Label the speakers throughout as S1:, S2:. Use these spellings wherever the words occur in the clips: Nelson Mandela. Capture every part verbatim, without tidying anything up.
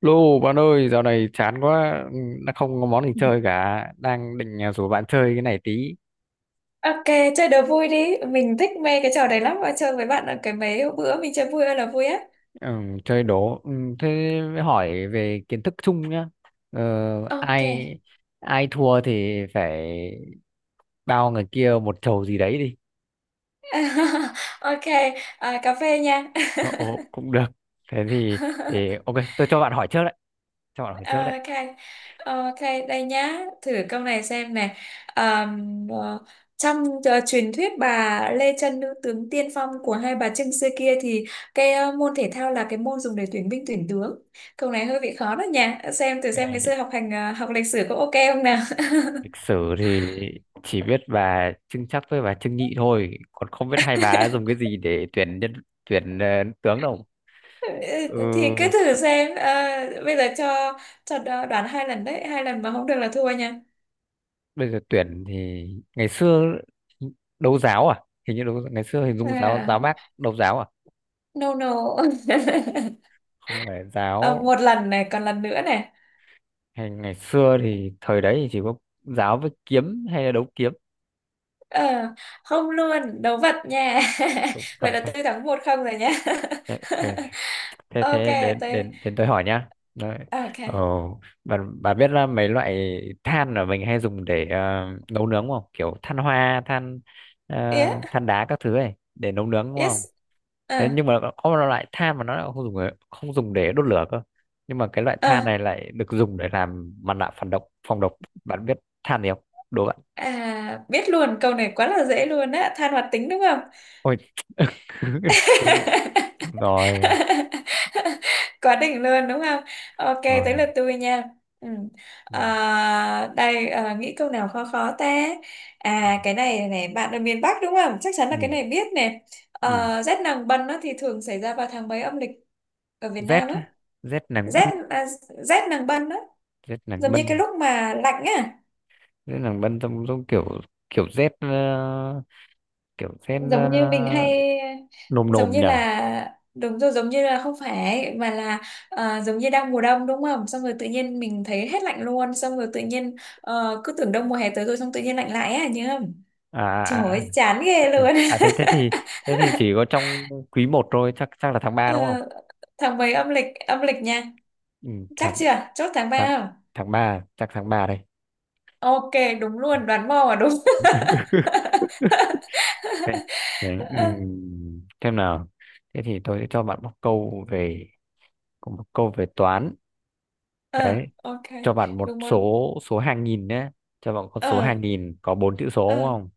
S1: Lô bạn ơi, dạo này chán quá, ừ, đã không có món gì chơi cả, đang định à, rủ bạn chơi cái này tí.
S2: Ok, chơi đố vui đi. Mình thích mê cái trò đấy lắm và chơi với bạn ở cái mấy bữa mình chơi vui ơi là vui á.
S1: Ừ, chơi đố. Ừ, thế mới hỏi về kiến thức chung nhá. Ờ,
S2: Ok.
S1: ai ai thua thì phải bao người kia một chầu gì đấy đi.
S2: Ok, à, cà phê nha.
S1: Ờ, Ồ, cũng được. Thế thì, thì ok, tôi cho bạn hỏi trước đấy, cho bạn hỏi trước đấy.
S2: Ok, ok, đây nhá. Thử câu này xem này. Ờm, ờ, trong ờ, truyền thuyết bà Lê Chân, nữ tướng tiên phong của hai bà Trưng xưa kia, thì cái ờ, môn thể thao là cái môn dùng để tuyển binh tuyển tướng. Câu này hơi bị khó đó nha. Xem thử xem ngày
S1: Cái
S2: xưa học hành ờ, học lịch sử có ok không nào.
S1: lịch sử thì chỉ biết bà Trưng Trắc với bà Trưng Nhị thôi, còn không biết hai bà dùng cái gì để tuyển nhân tuyển ờ, tướng đâu.
S2: Ừ,
S1: Ừ,
S2: thì cứ thử xem à, bây giờ cho cho đo- đoán hai lần đấy, hai lần mà không được là thua nha.
S1: bây giờ tuyển thì ngày xưa đấu giáo à, hình như đấu, ngày xưa hình dung giáo, giáo
S2: À,
S1: bác đấu giáo à,
S2: no no.
S1: không phải
S2: À,
S1: giáo,
S2: một lần này, còn lần nữa này.
S1: hay ngày xưa thì thời đấy thì chỉ có giáo với kiếm hay là đấu kiếm,
S2: Ờ, Không, luôn đấu vật nha.
S1: đấu Phật
S2: Vậy là
S1: thôi.
S2: tôi thắng một không rồi nha.
S1: Thế- ok, thế
S2: Ok,
S1: thế đến
S2: tôi
S1: đến đến tôi hỏi nhá đấy.
S2: ok
S1: Ờ, bà, bà biết là mấy loại than mà mình hay dùng để ờ, nấu nướng không, kiểu than hoa, than ờ,
S2: yeah.
S1: than đá các thứ ấy để nấu nướng đúng không?
S2: Yes.
S1: Thế
S2: Ờ,
S1: nhưng mà có một loại than mà nó lại không dùng để- không dùng để đốt lửa cơ, nhưng mà cái loại
S2: ờ.
S1: than này lại được dùng để làm mặt nạ phản độc, phòng độc. Bạn biết than gì không? Đố bạn.
S2: À, biết luôn, câu này quá là dễ luôn á, than hoạt tính đúng không?
S1: Ôi! Đúng rồi.
S2: Quá đỉnh luôn đúng không? Ok, tới
S1: Rồi.
S2: lượt tôi nha. Ừ.
S1: Ừ.
S2: À, đây. À, nghĩ câu nào khó khó ta. À, cái này này, bạn ở miền Bắc đúng không, chắc chắn
S1: Ừ.
S2: là cái này biết nè.
S1: Ừ.
S2: À, rét nàng bân á, thì thường xảy ra vào tháng mấy âm lịch ở Việt
S1: Z
S2: Nam á?
S1: á. Z nàng
S2: Rét
S1: bân
S2: à, rét nàng bân á,
S1: Z nàng
S2: giống như cái
S1: bân
S2: lúc mà lạnh á,
S1: Z nàng bân trong trong kiểu kiểu Z, ờ, kiểu Z,
S2: giống như
S1: ờ,
S2: mình hay,
S1: nồm
S2: giống
S1: nồm
S2: như
S1: nhỉ. à,
S2: là, đúng rồi, giống như là không phải mà là ờ, giống như đang mùa đông đúng không, xong rồi tự nhiên mình thấy hết lạnh luôn, xong rồi tự nhiên ờ, cứ tưởng đông mùa hè tới rồi, xong tự nhiên lạnh lại á, nhớ không? Trời
S1: à, à
S2: ơi, chán ghê luôn.
S1: à, thế thế thì Thế thì chỉ có trong quý một thôi, chắc chắc là tháng ba
S2: Ờ,
S1: đúng không?
S2: tháng mấy âm lịch, âm lịch nha.
S1: Ừ,
S2: Chắc
S1: tháng
S2: chưa, chốt tháng
S1: tháng
S2: ba không?
S1: tháng ba, chắc tháng ba đây.
S2: Ok, đúng luôn, đoán mò à, đúng.
S1: Ê, đấy,
S2: Ờ.
S1: ừm, xem nào, thế thì tôi sẽ cho bạn một câu về có một câu về toán
S2: ờ,
S1: đấy,
S2: ok,
S1: cho bạn một
S2: đúng món.
S1: số, số hàng nghìn nhé, cho bạn con số
S2: ờ
S1: hàng nghìn có bốn chữ số
S2: ờ
S1: đúng không?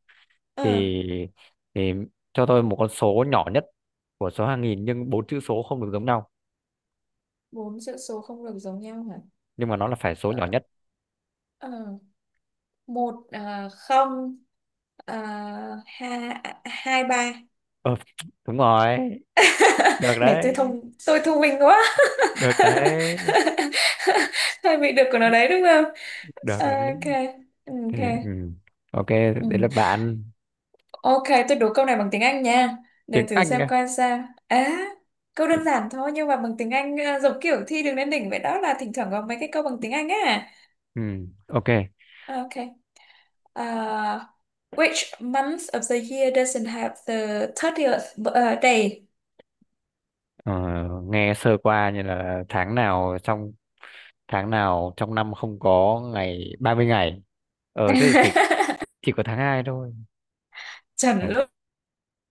S2: ờ
S1: Thì thì cho tôi một con số nhỏ nhất của số hàng nghìn, nhưng bốn chữ số không được giống nhau,
S2: Bốn chữ số không được giống nhau hả?
S1: nhưng mà nó là phải số nhỏ
S2: Ờ.
S1: nhất.
S2: Ờ, một, à, không, à, hai, một không hai ba
S1: ờ, Đúng rồi, được
S2: này. Tôi
S1: đấy,
S2: thông tôi thông minh quá.
S1: được đấy,
S2: Hơi bị được của nó đấy đúng không?
S1: được đấy.
S2: Ok,
S1: Thì,
S2: ok.
S1: ừm, ok, đấy là
S2: Ừ.
S1: bạn.
S2: Ok, tôi đố câu này bằng tiếng Anh nha, để
S1: Tiếng
S2: thử
S1: Anh.
S2: xem coi sao. À, câu đơn giản thôi nhưng mà bằng tiếng Anh, à, giống kiểu thi đường lên đỉnh vậy đó, là thỉnh thoảng có mấy cái câu bằng tiếng Anh á.
S1: Ừ, ok.
S2: Ok. À, which month of the year doesn't have the thirtieth b- uh, day?
S1: Ờ, Nghe sơ qua như là tháng nào trong tháng nào trong năm không có ngày ba mươi ngày. Ờ thế thì chỉ chỉ có tháng hai thôi.
S2: Chuẩn
S1: Tháng-
S2: luôn.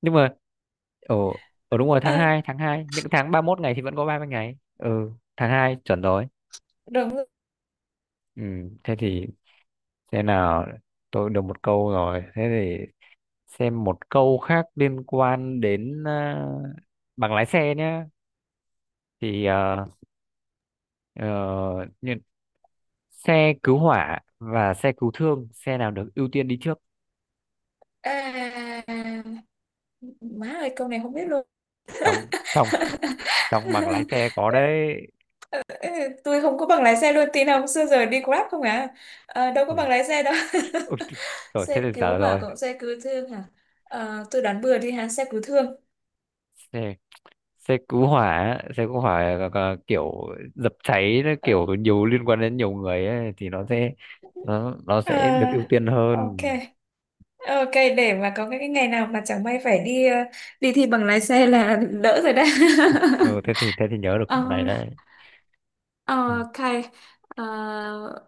S1: Nhưng mà ở ở đúng rồi, tháng hai
S2: À,
S1: tháng hai, những tháng ba mươi mốt ngày thì vẫn có ba mươi ngày. Ừ, tháng hai chuẩn rồi.
S2: đúng rồi.
S1: Ừ, thế thì thế nào, tôi được một câu rồi. Thế thì xem một câu khác liên quan đến à, bằng lái xe nhá. Thì uh, xe cứu hỏa và xe cứu thương, xe nào được ưu tiên đi trước?
S2: À, má ơi, câu này không biết luôn.
S1: trong trong trong bằng lái xe có đấy.
S2: Ừ, tôi không có bằng lái xe luôn, tin không, xưa giờ đi Grab không à. Ờ, đâu có
S1: Ui,
S2: bằng lái xe đâu.
S1: ôi, chứ- rồi thế
S2: Xe
S1: là
S2: cứu
S1: dở
S2: hỏa
S1: rồi.
S2: cộng xe cứu thương hả? Ờ, tôi đoán bừa đi ha, xe cứu thương.
S1: Xe Xe cứu hỏa, xe cứu hỏa là- là kiểu dập cháy, nó
S2: Ờ,
S1: kiểu nhiều liên quan đến nhiều người ấy, thì nó sẽ nó nó sẽ được ưu
S2: à,
S1: tiên hơn.
S2: ok, ok, để mà có cái, cái ngày nào mà chẳng may phải đi ờ, đi thi bằng lái xe là đỡ rồi đấy.
S1: Ừ, thế thì thế thì nhớ được
S2: Ờ.
S1: câu này đấy.
S2: Ờ.
S1: Ừ.
S2: Ok, ờ,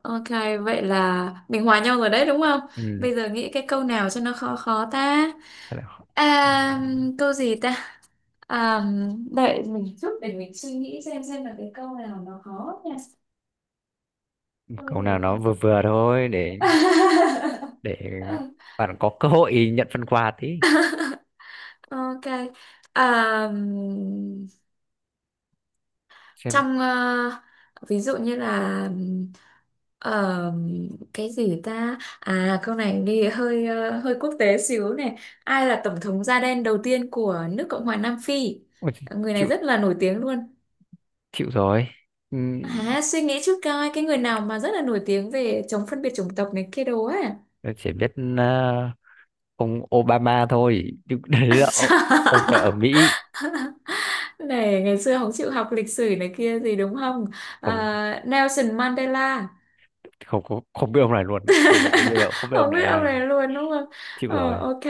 S2: ok, vậy là mình hòa nhau rồi đấy đúng không?
S1: Ừ.
S2: Bây giờ nghĩ cái câu nào cho nó khó khó ta.
S1: thế là-
S2: À, câu gì ta? À, đợi mình chút để mình suy nghĩ xem xem là cái câu nào nó khó nha.
S1: ừ,
S2: Câu
S1: câu nào
S2: gì
S1: nó
S2: ta?
S1: vừa vừa thôi, để để bạn có cơ hội nhận phần quà tí
S2: Ok, à,
S1: xem.
S2: trong ờ, ví dụ như là ừm, ờ, cái gì ta, à, câu này đi hơi ờ, hơi quốc tế xíu này. Ai là tổng thống da đen đầu tiên của nước Cộng hòa Nam Phi?
S1: Ôi,
S2: Người này
S1: chịu
S2: rất là nổi tiếng luôn.
S1: chịu rồi. Ừ,
S2: À, suy nghĩ trước coi cái người nào mà rất là nổi tiếng về chống phân biệt chủng tộc này kia đồ á.
S1: tôi chỉ biết à, ông Obama thôi, nhưng đấy là ô- ông này ở Mỹ.
S2: Này, ngày xưa không chịu học lịch sử này kia gì đúng không?
S1: Không,
S2: À, Nelson Mandela.
S1: không, không, không biết ông này luôn, bây giờ đến bây giờ cũng không biết ông
S2: Không
S1: này
S2: biết
S1: là
S2: ông
S1: ai,
S2: này luôn đúng không?
S1: chịu
S2: Ờ,
S1: rồi.
S2: ok.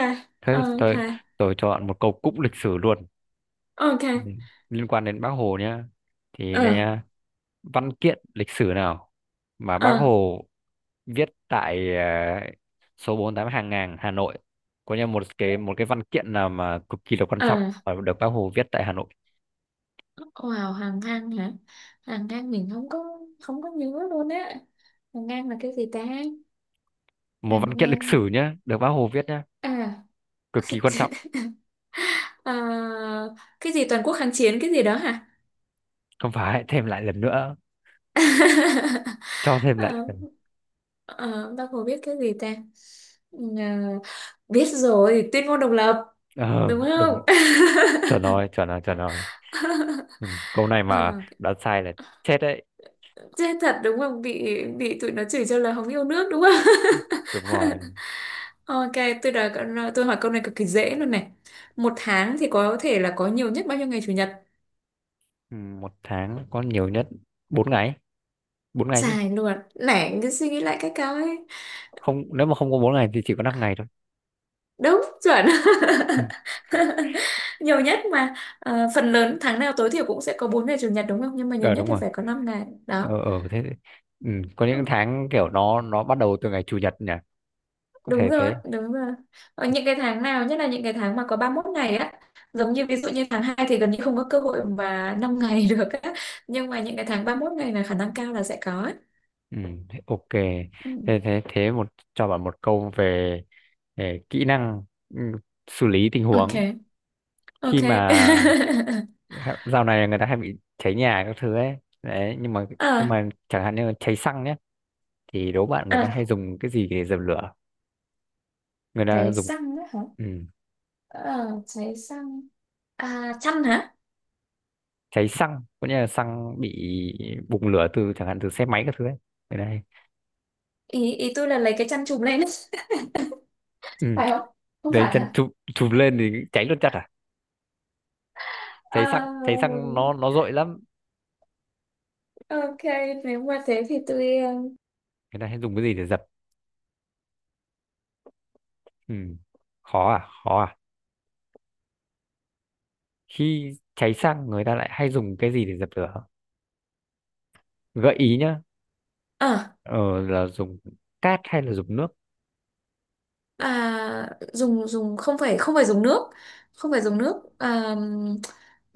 S2: Ờ,
S1: Thế tôi
S2: ok.
S1: tôi chọn một câu cũng lịch sử luôn.
S2: Ờ, ok.
S1: Ừ, liên quan đến Bác Hồ nhá, thì
S2: ờ
S1: nè, văn kiện lịch sử nào mà
S2: ờ
S1: Bác Hồ viết tại uh, số bốn mươi tám Hàng Ngang Hà Nội, có như một cái một cái văn kiện nào mà cực kỳ là quan
S2: ờ
S1: trọng và được Bác Hồ viết tại Hà Nội.
S2: wow, hàng ngang hả? Hàng ngang mình không có, không có nhớ luôn á. Hàng ngang là cái gì ta?
S1: Một
S2: Hàng
S1: văn kiện lịch
S2: ngang.
S1: sử nhá, được Bác Hồ viết nhá,
S2: À.
S1: cực kỳ quan trọng.
S2: Ờ, cái gì toàn quốc kháng chiến cái gì đó hả?
S1: Không phải, thêm lại lần nữa, cho thêm lại
S2: Ờ,
S1: lần.
S2: ờ, bác Hồ biết cái gì ta? Ừ. Ờ, biết rồi, tuyên ngôn độc lập
S1: ờ,
S2: đúng không?
S1: Đúng, chuẩn rồi, chuẩn rồi, chuẩn rồi. Ừ, câu này mà
S2: Ờ.
S1: đã sai là chết đấy.
S2: Chết thật đúng không? Bị bị tụi nó chửi cho là không yêu nước đúng không?
S1: Ừ, đúng rồi.
S2: Ok, tôi đã tôi hỏi câu này cực kỳ dễ luôn này. Một tháng thì có thể là có nhiều nhất bao nhiêu ngày chủ nhật?
S1: Ừ, một tháng có nhiều nhất bốn ngày, bốn ngày chứ.
S2: Dài luôn. Nãy cứ suy nghĩ lại cái câu ấy.
S1: Không, nếu mà không có bốn ngày thì chỉ có năm ngày thôi.
S2: Đúng, chuẩn.
S1: Ừ.
S2: Nhiều nhất mà. Ờ, phần lớn tháng nào tối thiểu cũng sẽ có bốn ngày chủ nhật đúng không? Nhưng mà nhiều
S1: ờ
S2: nhất
S1: Đúng
S2: thì
S1: rồi.
S2: phải có năm ngày. Đó.
S1: Ờ ờ thế. Ừ. Có những tháng kiểu nó nó bắt đầu từ ngày chủ nhật nhỉ, có
S2: Đúng
S1: thể
S2: rồi,
S1: thế.
S2: đúng rồi. Ở những cái tháng nào, nhất là những cái tháng mà có ba mươi mốt ngày á, giống như ví dụ như tháng hai thì gần như không có cơ hội mà năm ngày được á. Nhưng mà những cái tháng ba mươi mốt ngày là khả năng cao là sẽ có ấy.
S1: Ừ. Thế ok,
S2: Ừ.
S1: thế thế thế một, cho bạn một câu về, về kỹ năng, ừ, xử lý tình huống.
S2: Ok,
S1: Khi
S2: ok.
S1: mà hẹ- dạo này người ta hay bị cháy nhà các thứ ấy đấy, nhưng mà nhưng
S2: À.
S1: mà chẳng hạn như là cháy xăng nhé, thì đố bạn người ta
S2: À,
S1: hay dùng cái gì để dập lửa, người ta
S2: cháy
S1: dùng?
S2: xăng á hả?
S1: Ừ,
S2: À, cháy xăng. À, chăn hả?
S1: cháy xăng có nghĩa là xăng bị bùng lửa từ chẳng hạn từ xe máy các thứ ấy, người ta hay,
S2: Ý, ý tôi là lấy cái chăn chùm lên.
S1: ừ,
S2: Phải không? Không
S1: đấy
S2: phải
S1: chân
S2: hả?
S1: chụp chụp lên thì cháy luôn chặt à. Cháy xăng,
S2: À,
S1: cháy xăng nó nó dội lắm.
S2: ok, nếu mà thế thì tôi... ờ,
S1: Người ta hay dùng cái gì để dập? Ừ. Khó à, khó à, khi cháy xăng người ta lại hay dùng cái gì để dập lửa, gợi ý nhá.
S2: ờ.
S1: ờ, là dùng cát hay là dùng nước?
S2: À, dùng dùng không phải, không phải dùng nước, không phải dùng nước, à,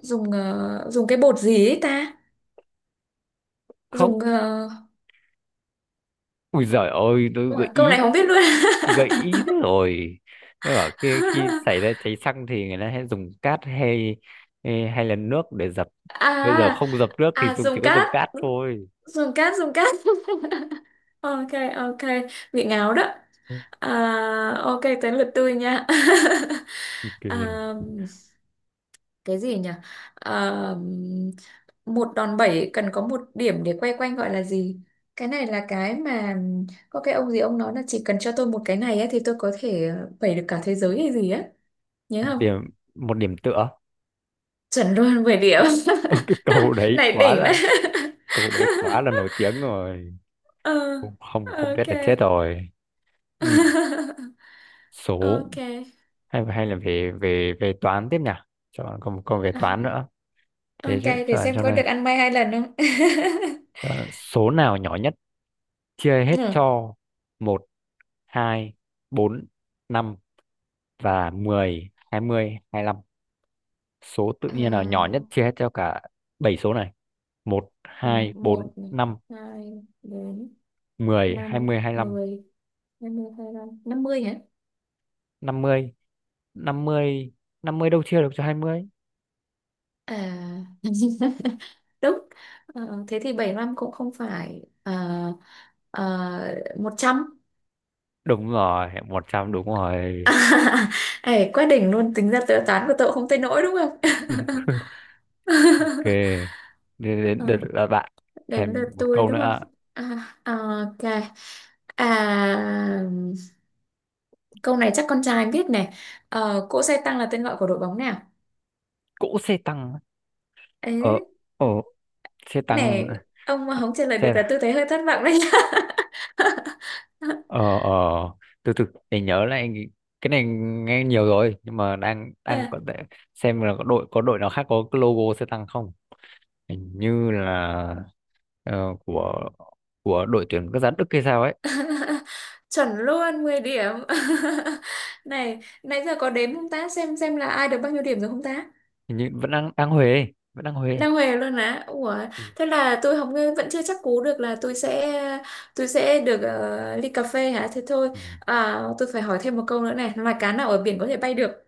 S2: dùng ờ, dùng cái bột gì ấy ta,
S1: Không,
S2: dùng ờ,
S1: ui giời ơi tôi
S2: ủa,
S1: gợi
S2: câu
S1: ý,
S2: này không biết luôn.
S1: gợi ý thế rồi. Thế bảo khi khi xảy ra cháy xăng thì người ta hay dùng cát, hay hay hay là nước để dập. Bây giờ
S2: À,
S1: không dập nước thì
S2: à,
S1: dùng, chỉ
S2: dùng
S1: có dập
S2: cát
S1: cát thôi.
S2: dùng cát dùng cát. Ok, ok, bị ngáo đó. À, ok, tới lượt tôi nha.
S1: Ok,
S2: À, cái gì nhỉ? À, một đòn bẩy cần có một điểm để quay quanh gọi là gì? Cái này là cái mà, có cái ông gì ông nói là chỉ cần cho tôi một cái này ấy, thì tôi có thể ờ, bẩy được cả thế giới hay gì á, nhớ không?
S1: điểm, một điểm tựa.
S2: Chuẩn luôn, mười
S1: Ờ,
S2: điểm
S1: ờ, cái cầu đấy
S2: Này
S1: quá
S2: đỉnh đấy.
S1: là, cầu đấy quá là nổi tiếng rồi.
S2: Ừ,
S1: Không, không, không biết
S2: ok.
S1: là chết rồi. Ừ. Số,
S2: Ok.
S1: hay hay là về về về toán tiếp nhỉ? Chọn, còn còn về
S2: À,
S1: toán nữa. Thế
S2: ok,
S1: chứ-
S2: để
S1: chọn
S2: xem
S1: cho
S2: có được
S1: này.
S2: ăn may hai lần không.
S1: Chọn số nào nhỏ nhất chia hết
S2: Ừ.
S1: cho một, hai, bốn, năm và mười, hai mươi, hai lăm. Số tự nhiên nào nhỏ nhất
S2: À,
S1: chia hết cho cả bảy số này? Một, hai, bốn,
S2: một này,
S1: năm,
S2: hai, bốn,
S1: mười, hai
S2: năm,
S1: mươi, hai lăm.
S2: mười, hai mươi, hai mươi năm, mươi hả?
S1: Năm mươi, năm mươi, năm mươi đâu chia được cho hai mươi.
S2: À, đúng. Ờ, thế thì bảy năm cũng không phải, uh, một trăm.
S1: Đúng rồi, một trăm, đúng rồi.
S2: Ê, quá đỉnh luôn, tính ra tự toán của tôi cũng không tới nỗi đúng không?
S1: Ok, đến đến
S2: Ờ,
S1: đợt là bạn.
S2: đến
S1: Thêm
S2: lượt
S1: một
S2: tôi
S1: câu
S2: đúng không?
S1: nữa.
S2: À, ờ, ok. À, câu này chắc con trai biết này. Ờ, cỗ xe tăng là tên gọi của đội bóng nào?
S1: Cỗ xe tăng á.
S2: Ê,
S1: ờ ờ Xe tăng à?
S2: này, ông mà
S1: Xe
S2: không trả lời được
S1: xe-
S2: là tôi thấy hơi thất vọng đấy.
S1: ờ ờ Từ từ để nhớ lại, cái này nghe nhiều rồi nhưng mà đang đang
S2: À,
S1: có thể xem là có đội có đội nào khác có cái logo xe tăng không. Hình như là ờ, của của đội tuyển quốc gia Đức hay sao ấy.
S2: chuẩn luôn, mười điểm. Này nãy giờ có đếm không ta, xem xem là ai được bao nhiêu điểm rồi không ta?
S1: Hình như vẫn đang đang Huế, vẫn đang Huế.
S2: Đang huề luôn á, ủa, thế là tôi không, vẫn chưa chắc cú được là tôi sẽ, tôi sẽ được ờ, ly cà phê hả, thế thôi.
S1: Ừ.
S2: À, tôi phải hỏi thêm một câu nữa này, loài cá nào ở biển có thể bay được?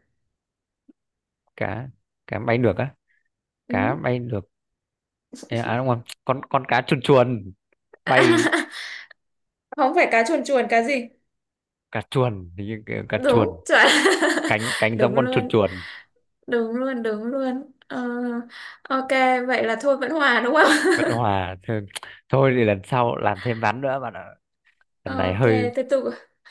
S1: cá Cá bay được á? Cá
S2: Ừ.
S1: bay được. Ê, à đúng không, con con cá chuồn chuồn bay?
S2: Không phải, cá chuồn chuồn, cá gì?
S1: Cá chuồn thì như kiểu cá chuồn,
S2: Đúng chuẩn.
S1: cánh cánh
S2: Đúng
S1: giống con chuồn
S2: luôn,
S1: chuồn.
S2: đúng luôn, đúng luôn. Ờ, ok, vậy là thôi vẫn hòa đúng không?
S1: Bất hòa thôi, thôi thì lần sau làm thêm ván nữa bạn ạ, lần này
S2: Ok,
S1: hơi
S2: tiếp tục.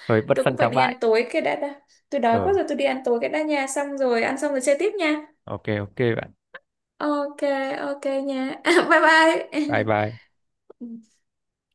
S1: hơi bất
S2: Tôi cũng
S1: phân
S2: phải
S1: thắng
S2: đi
S1: bại.
S2: ăn tối cái đã đã Tôi đói quá
S1: ờ
S2: rồi, tôi đi ăn tối cái đã nha, xong rồi ăn xong rồi chơi tiếp nha.
S1: ok, ok bạn,
S2: Ok, ok nha. Bye bye.
S1: bye bye.